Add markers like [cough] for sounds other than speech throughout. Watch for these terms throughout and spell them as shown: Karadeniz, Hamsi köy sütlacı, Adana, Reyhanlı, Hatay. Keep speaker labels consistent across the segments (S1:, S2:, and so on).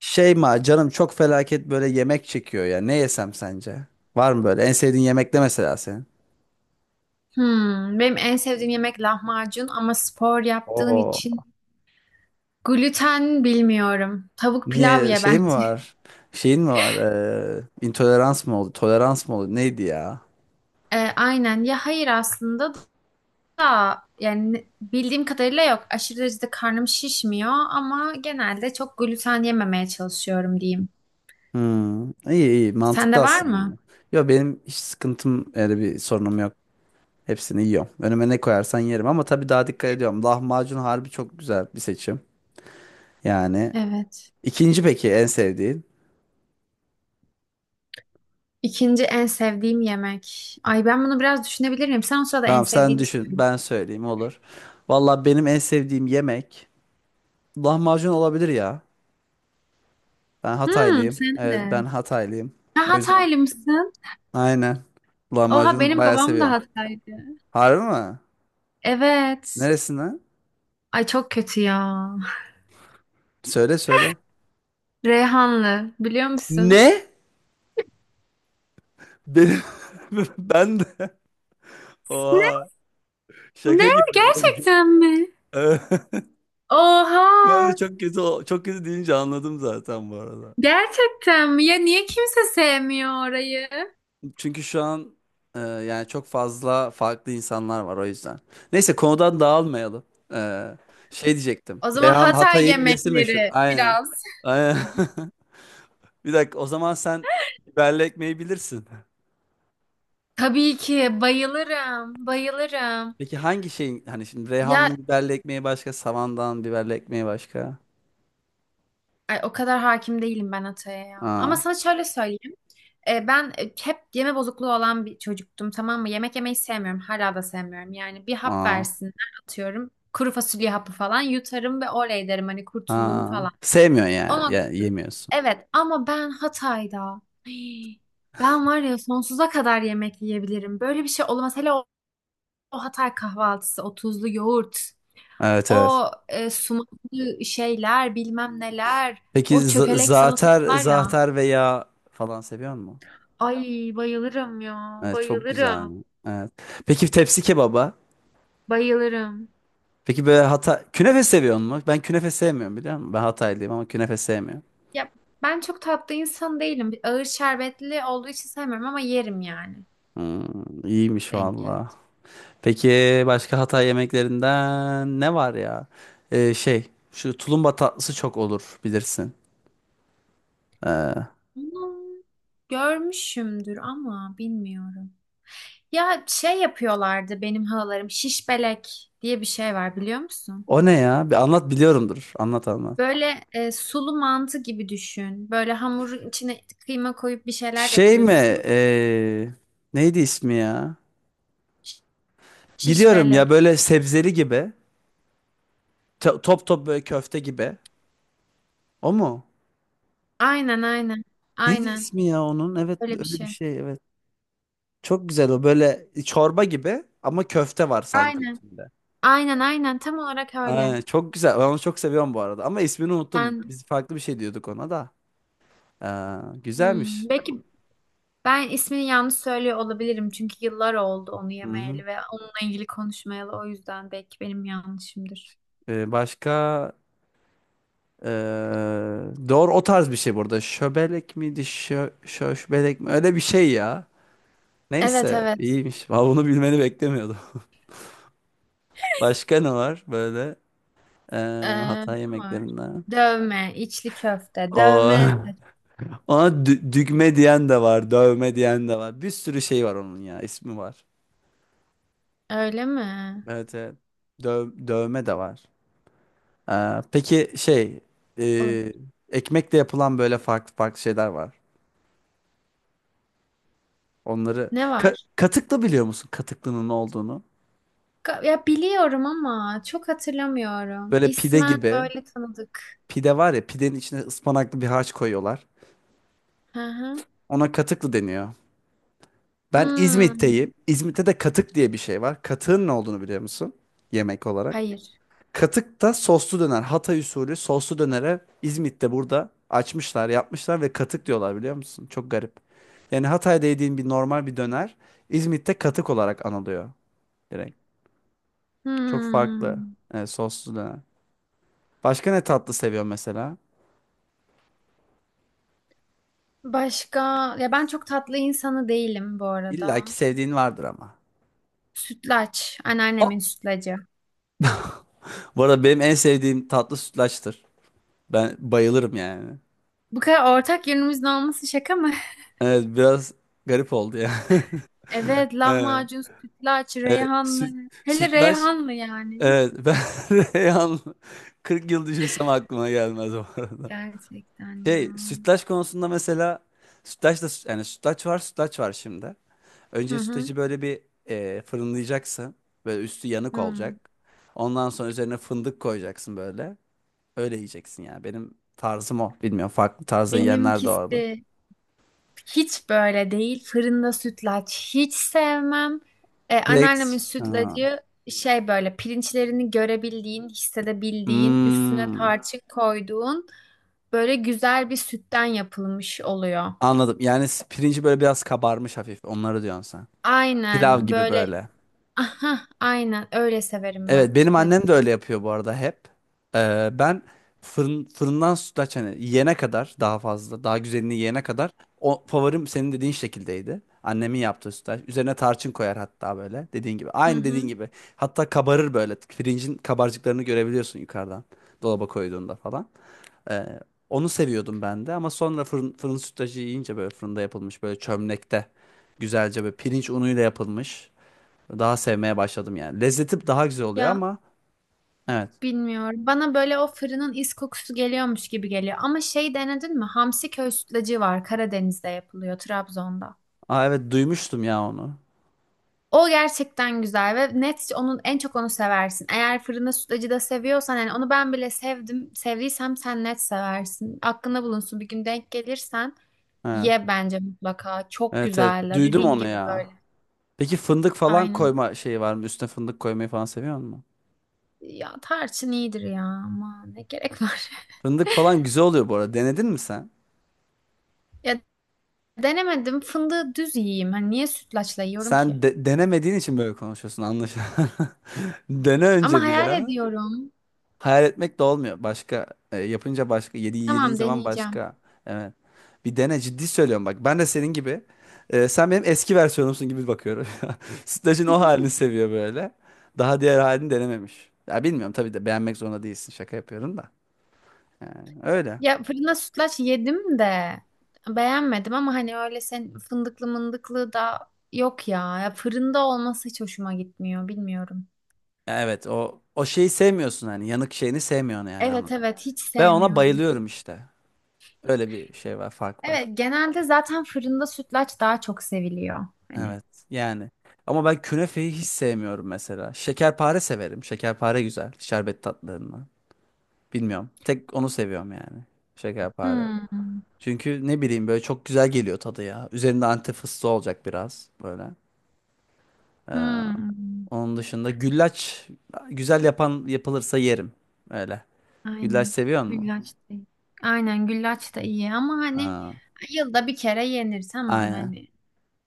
S1: Şey ma canım çok felaket böyle yemek çekiyor ya. Ne yesem sence? Var mı böyle? En sevdiğin yemek ne mesela senin?
S2: Hmm, benim en sevdiğim yemek lahmacun ama spor yaptığın
S1: Oo.
S2: için gluten bilmiyorum. Tavuk pilav
S1: Niye
S2: ye
S1: şey mi
S2: bence. [laughs]
S1: var? Şeyin mi var? İntolerans mı oldu? Tolerans mı oldu? Neydi ya?
S2: Aynen ya hayır aslında da yani bildiğim kadarıyla yok. Aşırı derecede karnım şişmiyor ama genelde çok gluten yememeye çalışıyorum diyeyim.
S1: Hmm. İyi iyi mantıklı
S2: Sende var mı?
S1: aslında. Yo, benim hiç sıkıntım, öyle bir sorunum yok. Hepsini yiyorum. Önüme ne koyarsan yerim ama tabii daha dikkat ediyorum. Lahmacun harbi çok güzel bir seçim. Yani
S2: Evet.
S1: ikinci peki en sevdiğin?
S2: İkinci en sevdiğim yemek. Ay ben bunu biraz düşünebilirim. Sen o sırada en
S1: Tamam, sen
S2: sevdiğini söyle.
S1: düşün. Ben söyleyeyim, olur. Valla benim en sevdiğim yemek lahmacun olabilir ya. Ben
S2: Hmm,
S1: Hataylıyım.
S2: sen
S1: Evet, ben
S2: de.
S1: Hataylıyım.
S2: Ha,
S1: O yüzden.
S2: Hataylı mısın?
S1: Aynen.
S2: Oha
S1: Lahmacunu
S2: benim
S1: bayağı
S2: babam da
S1: seviyorum.
S2: Hataylı.
S1: Harbi mi?
S2: Evet.
S1: Neresinden?
S2: Ay çok kötü ya.
S1: Söyle söyle.
S2: Reyhanlı biliyor musun?
S1: Ne? Benim [laughs] ben de.
S2: Ne?
S1: Oha.
S2: Ne?
S1: Şaka gibi.
S2: Gerçekten mi?
S1: [laughs] Evet.
S2: Oha!
S1: Ben de çok kötü çok kötü deyince anladım zaten bu arada.
S2: Gerçekten mi? Ya niye kimse sevmiyor orayı?
S1: Çünkü şu an yani çok fazla farklı insanlar var, o yüzden. Neyse, konudan dağılmayalım. E, şey diyecektim.
S2: O zaman
S1: Reyhan,
S2: Hatay
S1: Hatay'ın nesi meşhur?
S2: yemekleri
S1: Aynen.
S2: biraz.
S1: Aynen. [laughs] Bir dakika, o zaman sen biberli ekmeği bilirsin.
S2: Tabii ki bayılırım, bayılırım.
S1: Peki hangi şeyin, hani şimdi
S2: Ya
S1: Reyhanlı biberli ekmeği başka, Savandan biberli ekmeği başka?
S2: ay, o kadar hakim değilim ben Hatay'a ya. Ama
S1: Aa,
S2: sana şöyle söyleyeyim. Ben hep yeme bozukluğu olan bir çocuktum, tamam mı? Yemek yemeyi sevmiyorum. Hala da sevmiyorum. Yani bir hap
S1: aa,
S2: versinler atıyorum. Kuru fasulye hapı falan yutarım ve oley derim hani kurtuldum
S1: aa.
S2: falan.
S1: Sevmiyorsun yani.
S2: Ama
S1: Ya, yemiyorsun.
S2: evet, ama ben Hatay'da [gasps] Hii, ben var ya sonsuza kadar yemek yiyebilirim. Böyle bir şey olamaz. Hele o, o Hatay kahvaltısı, o tuzlu yoğurt,
S1: Evet evet.
S2: o sumaklı şeyler bilmem neler,
S1: Peki
S2: o çökelek salatası
S1: zaatar,
S2: var ya.
S1: zaatar veya falan seviyor musun?
S2: Ay bayılırım ya
S1: Evet, çok güzel.
S2: bayılırım.
S1: Evet. Peki tepsi kebaba?
S2: Bayılırım.
S1: Peki böyle hata künefe seviyor musun? Ben künefe sevmiyorum, biliyor musun? Ben Hataylıyım ama künefe sevmiyorum.
S2: Ya ben çok tatlı insan değilim. Ağır şerbetli olduğu için sevmiyorum ama yerim yani.
S1: Hmm, iyiymiş
S2: Denk
S1: valla.
S2: gelir.
S1: Peki başka Hatay yemeklerinden ne var ya? Şey, şu tulumba tatlısı çok olur bilirsin. Ee,
S2: Bunu görmüşümdür ama bilmiyorum. Ya şey yapıyorlardı benim halalarım. Şiş belek diye bir şey var biliyor musun?
S1: o ne ya? Bir anlat, biliyorumdur. Anlat anlat.
S2: Böyle sulu mantı gibi düşün. Böyle hamurun içine kıyma koyup bir şeyler
S1: Şey mi?
S2: yapıyorsun.
S1: ee, neydi ismi ya?
S2: Ş- Şiş
S1: Biliyorum ya,
S2: belek.
S1: böyle sebzeli gibi. Top top böyle köfte gibi. O mu?
S2: Aynen aynen.
S1: Neydi
S2: Aynen.
S1: ismi ya onun? Evet,
S2: Öyle bir
S1: öyle bir
S2: şey.
S1: şey, evet. Çok güzel o, böyle çorba gibi ama köfte var sanki
S2: Aynen.
S1: içinde.
S2: Aynen aynen. Tam olarak öyle.
S1: Aynen, çok güzel. Ben onu çok seviyorum bu arada. Ama ismini unuttum.
S2: Ben
S1: Biz farklı bir şey diyorduk ona da.
S2: hmm,
S1: Güzelmiş.
S2: belki ben ismini yanlış söylüyor olabilirim çünkü yıllar oldu onu
S1: Hı hı.
S2: yemeyeli ve onunla ilgili konuşmayalı, o yüzden belki benim yanlışımdır.
S1: Başka ee, doğru, o tarz bir şey burada. Şöbelek miydi? Şöşbelek mi? Öyle bir şey ya.
S2: Evet
S1: Neyse,
S2: evet.
S1: iyiymiş. Vallahi bunu bilmeni beklemiyordum. [laughs] Başka ne var böyle ee,
S2: Ne
S1: Hatay
S2: var?
S1: yemeklerinden?
S2: Dövme, içli köfte,
S1: O [laughs]
S2: dövme.
S1: Ona düğme diyen de var, dövme diyen de var. Bir sürü şey var onun ya, ismi var.
S2: Öyle mi?
S1: Evet, evet. Dövme de var. Peki şey, e,
S2: Olabilir.
S1: ekmekle yapılan böyle farklı farklı şeyler var. Onları
S2: Ne var?
S1: Katıklı, biliyor musun? Katıklının ne olduğunu.
S2: Ya biliyorum ama çok hatırlamıyorum.
S1: Böyle pide
S2: İsmen
S1: gibi.
S2: böyle tanıdık.
S1: Pide var ya, pidenin içine ıspanaklı bir harç koyuyorlar.
S2: Hı hı.
S1: Ona katıklı deniyor. Ben
S2: Hmm.
S1: İzmit'teyim. İzmit'te de katık diye bir şey var. Katığın ne olduğunu biliyor musun? Yemek olarak.
S2: Hayır.
S1: Katık da soslu döner. Hatay usulü soslu dönere İzmit'te burada açmışlar, yapmışlar ve katık diyorlar, biliyor musun? Çok garip. Yani Hatay'da yediğin bir normal bir döner, İzmit'te katık olarak anılıyor direkt. Çok farklı
S2: Hmm.
S1: soslu döner. Başka ne tatlı seviyorsun mesela?
S2: Başka? Ya ben çok tatlı insanı değilim bu arada.
S1: İlla ki sevdiğin vardır ama.
S2: Sütlaç.
S1: Aa!
S2: Anneannemin sütlacı.
S1: Bu arada benim en sevdiğim tatlı sütlaçtır. Ben bayılırım yani.
S2: Bu kadar ortak yönümüzün olması şaka mı? [laughs]
S1: Evet, biraz garip oldu ya.
S2: Evet,
S1: [laughs] Evet.
S2: lahmacun, sütlaç,
S1: Evet,
S2: reyhanlı. Hele
S1: sütlaç.
S2: reyhanlı yani.
S1: Evet ben [laughs] Reyhan, 40 yıl düşünsem aklıma gelmez bu arada.
S2: Gerçekten ya.
S1: Şey, sütlaç konusunda mesela, sütlaç da yani, sütlaç var sütlaç var şimdi.
S2: Hı
S1: Önce
S2: hı.
S1: sütlacı böyle bir fırınlayacaksın. Böyle üstü yanık
S2: Hı.
S1: olacak. Ondan sonra üzerine fındık koyacaksın böyle. Öyle yiyeceksin yani. Benim tarzım o. Bilmiyorum, farklı tarzda yiyenler de vardı.
S2: Benimkisi hiç böyle değil. Fırında sütlaç hiç sevmem. Anneannemin
S1: Direkt. Ha.
S2: sütlacı şey böyle pirinçlerini görebildiğin, hissedebildiğin, üstüne
S1: Hmm,
S2: tarçın koyduğun böyle güzel bir sütten yapılmış oluyor.
S1: anladım. Yani pirinci böyle biraz kabarmış hafif. Onları diyorsun sen. Pilav
S2: Aynen
S1: gibi
S2: böyle
S1: böyle.
S2: aha, aynen öyle severim ben
S1: Evet, benim
S2: sütlacı.
S1: annem de öyle yapıyor bu arada hep. Ben fırından sütlaç, hani yiyene kadar, daha fazla daha güzelini yiyene kadar o favorim senin dediğin şekildeydi. Annemin yaptığı sütlaç. Üzerine tarçın koyar hatta, böyle dediğin gibi.
S2: Hı
S1: Aynı dediğin
S2: hı.
S1: gibi. Hatta kabarır böyle. Pirincin kabarcıklarını görebiliyorsun yukarıdan. Dolaba koyduğunda falan. Ee, onu seviyordum ben de ama sonra fırın sütlacı yiyince, böyle fırında yapılmış, böyle çömlekte güzelce, böyle pirinç unuyla yapılmış. Daha sevmeye başladım yani. Lezzeti daha güzel oluyor
S2: Ya
S1: ama evet.
S2: bilmiyorum. Bana böyle o fırının is kokusu geliyormuş gibi geliyor. Ama şey denedin mi? Hamsi köy sütlacı var. Karadeniz'de yapılıyor, Trabzon'da.
S1: Aa, evet, duymuştum ya onu.
S2: O gerçekten güzel ve net onun en çok onu seversin. Eğer fırında sütlacı da seviyorsan, yani onu ben bile sevdim. Sevdiysem sen net seversin. Aklında bulunsun, bir gün denk gelirsen
S1: Ha.
S2: ye bence mutlaka. Çok
S1: Evet evet,
S2: güzel.
S1: duydum
S2: Dediğin
S1: onu
S2: gibi
S1: ya.
S2: böyle.
S1: Peki fındık falan
S2: Aynen.
S1: koyma şeyi var mı? Üstüne fındık koymayı falan seviyor musun?
S2: Ya tarçın iyidir ya ama ne gerek var. [laughs]
S1: Fındık falan güzel oluyor bu arada. Denedin mi sen?
S2: Ya denemedim. Fındığı düz yiyeyim. Hani niye sütlaçla yiyorum
S1: Sen
S2: ki?
S1: denemediğin için böyle konuşuyorsun anlaşılan. [laughs] Dene
S2: Ama
S1: önce bir
S2: hayal
S1: ya.
S2: ediyorum.
S1: Hayal etmek de olmuyor. Başka yapınca başka, yediğin
S2: Tamam,
S1: zaman
S2: deneyeceğim.
S1: başka. Evet. Bir dene, ciddi söylüyorum bak. Ben de senin gibi. Sen benim eski versiyonumsun gibi bakıyorum. [laughs] Sütlacın o halini seviyor böyle. Daha diğer halini denememiş. Ya, bilmiyorum tabii de, beğenmek zorunda değilsin. Şaka yapıyorum da. Yani öyle.
S2: Ya fırında sütlaç yedim de beğenmedim ama hani öyle sen fındıklı mındıklı da yok ya. Ya fırında olması hiç hoşuma gitmiyor. Bilmiyorum.
S1: Evet, o o şeyi sevmiyorsun, hani yanık şeyini sevmiyorsun yani,
S2: Evet
S1: anladım.
S2: evet, hiç
S1: Ben ona
S2: sevmiyorum.
S1: bayılıyorum işte. Öyle bir şey var, fark var.
S2: Evet, genelde zaten fırında sütlaç daha çok seviliyor. Hani.
S1: Evet yani. Ama ben künefeyi hiç sevmiyorum mesela. Şekerpare severim. Şekerpare güzel. Şerbet tatlarından. Bilmiyorum. Tek onu seviyorum yani. Şekerpare.
S2: Hmm.
S1: Çünkü ne bileyim, böyle çok güzel geliyor tadı ya. Üzerinde antep fıstığı olacak biraz böyle. Ee,
S2: Hmm.
S1: onun dışında güllaç, güzel yapan yapılırsa yerim. Öyle. Güllaç
S2: Aynen.
S1: seviyor musun?
S2: Güllaç da iyi. Aynen güllaç da iyi ama hani
S1: Aa,
S2: yılda bir kere yenir, tamam
S1: aynen.
S2: hani.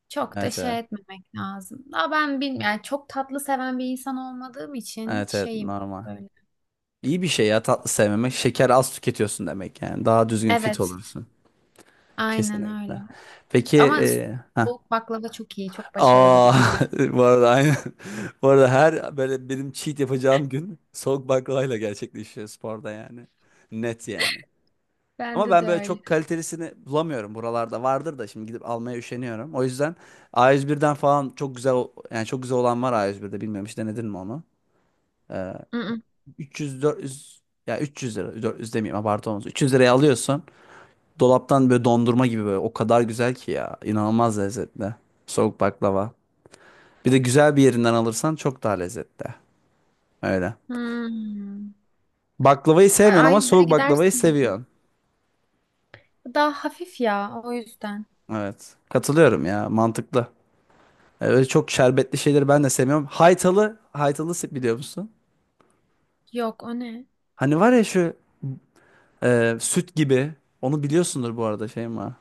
S2: Çok da
S1: Evet evet.
S2: şey etmemek lazım. Daha ben bilmiyorum. Yani çok tatlı seven bir insan olmadığım için
S1: Evet evet,
S2: şeyim
S1: normal.
S2: böyle.
S1: İyi bir şey ya tatlı sevmemek. Şeker az tüketiyorsun demek yani. Daha düzgün fit
S2: Evet.
S1: olursun.
S2: Aynen öyle.
S1: Kesinlikle. Peki
S2: Ama
S1: ha.
S2: soğuk baklava çok iyi. Çok başarılı bir
S1: Aa,
S2: icat.
S1: [laughs] bu arada aynı. [laughs] Bu arada her böyle benim cheat yapacağım gün soğuk baklavayla gerçekleşiyor sporda yani. Net yani. Ama
S2: Bende de
S1: ben böyle
S2: öyle.
S1: çok kalitelisini bulamıyorum. Buralarda vardır da şimdi gidip almaya üşeniyorum. O yüzden A101'den falan çok güzel, yani çok güzel olan var A101'de, bilmiyorum hiç denedin mi onu? Ee,
S2: Mm, mm.
S1: 300 400, ya 300 lira, 400 demeyeyim abartı olmasın. 300 liraya alıyorsun. Dolaptan böyle, dondurma gibi böyle. O kadar güzel ki ya. İnanılmaz lezzetli. Soğuk baklava. Bir de güzel bir yerinden alırsan çok daha lezzetli. Öyle.
S2: Hmm.
S1: Baklavayı
S2: Ay,
S1: sevmiyorsun ama
S2: A101'e
S1: soğuk baklavayı
S2: gidersin.
S1: seviyorsun.
S2: Daha hafif ya o yüzden.
S1: Evet. Katılıyorum ya. Mantıklı. Öyle çok şerbetli şeyleri ben de sevmiyorum. Haytalı. Haytalı biliyor musun?
S2: Yok o ne?
S1: Hani var ya şu süt gibi. Onu biliyorsundur bu arada, şey mi?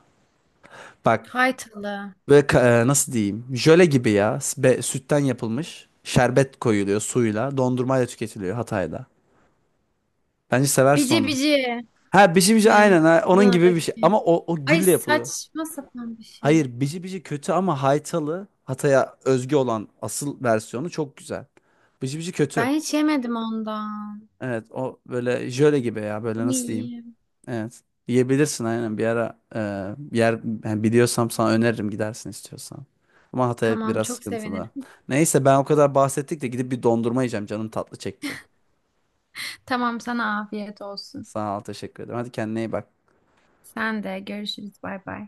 S1: Bak
S2: Haytalı.
S1: böyle nasıl diyeyim? Jöle gibi ya. Sütten yapılmış. Şerbet koyuluyor suyla. Dondurmayla tüketiliyor Hatay'da. Bence seversin
S2: Bici
S1: onu.
S2: bici.
S1: Ha, bici bici,
S2: Mi?
S1: aynen, ha, onun gibi bir şey.
S2: Adana'daki.
S1: Ama o, o
S2: Ay
S1: gülle yapılıyor.
S2: saçma sapan bir şey.
S1: Hayır, bici bici kötü ama Haytalı, Hatay'a özgü olan asıl versiyonu çok güzel. Bici bici kötü.
S2: Ben hiç yemedim ondan.
S1: Evet, o böyle jöle gibi ya, böyle
S2: Bunu
S1: nasıl diyeyim.
S2: yiyeyim.
S1: Evet, yiyebilirsin aynen bir ara, yer yani biliyorsam sana öneririm, gidersin istiyorsan. Ama Hatay
S2: Tamam
S1: biraz
S2: çok
S1: sıkıntılı.
S2: sevinirim. [laughs]
S1: Neyse, ben o kadar bahsettik de gidip bir dondurma yiyeceğim, canım tatlı çekti.
S2: Tamam sana afiyet olsun.
S1: Sağ ol, teşekkür ederim. Hadi kendine iyi bak.
S2: Sen de görüşürüz bay bay.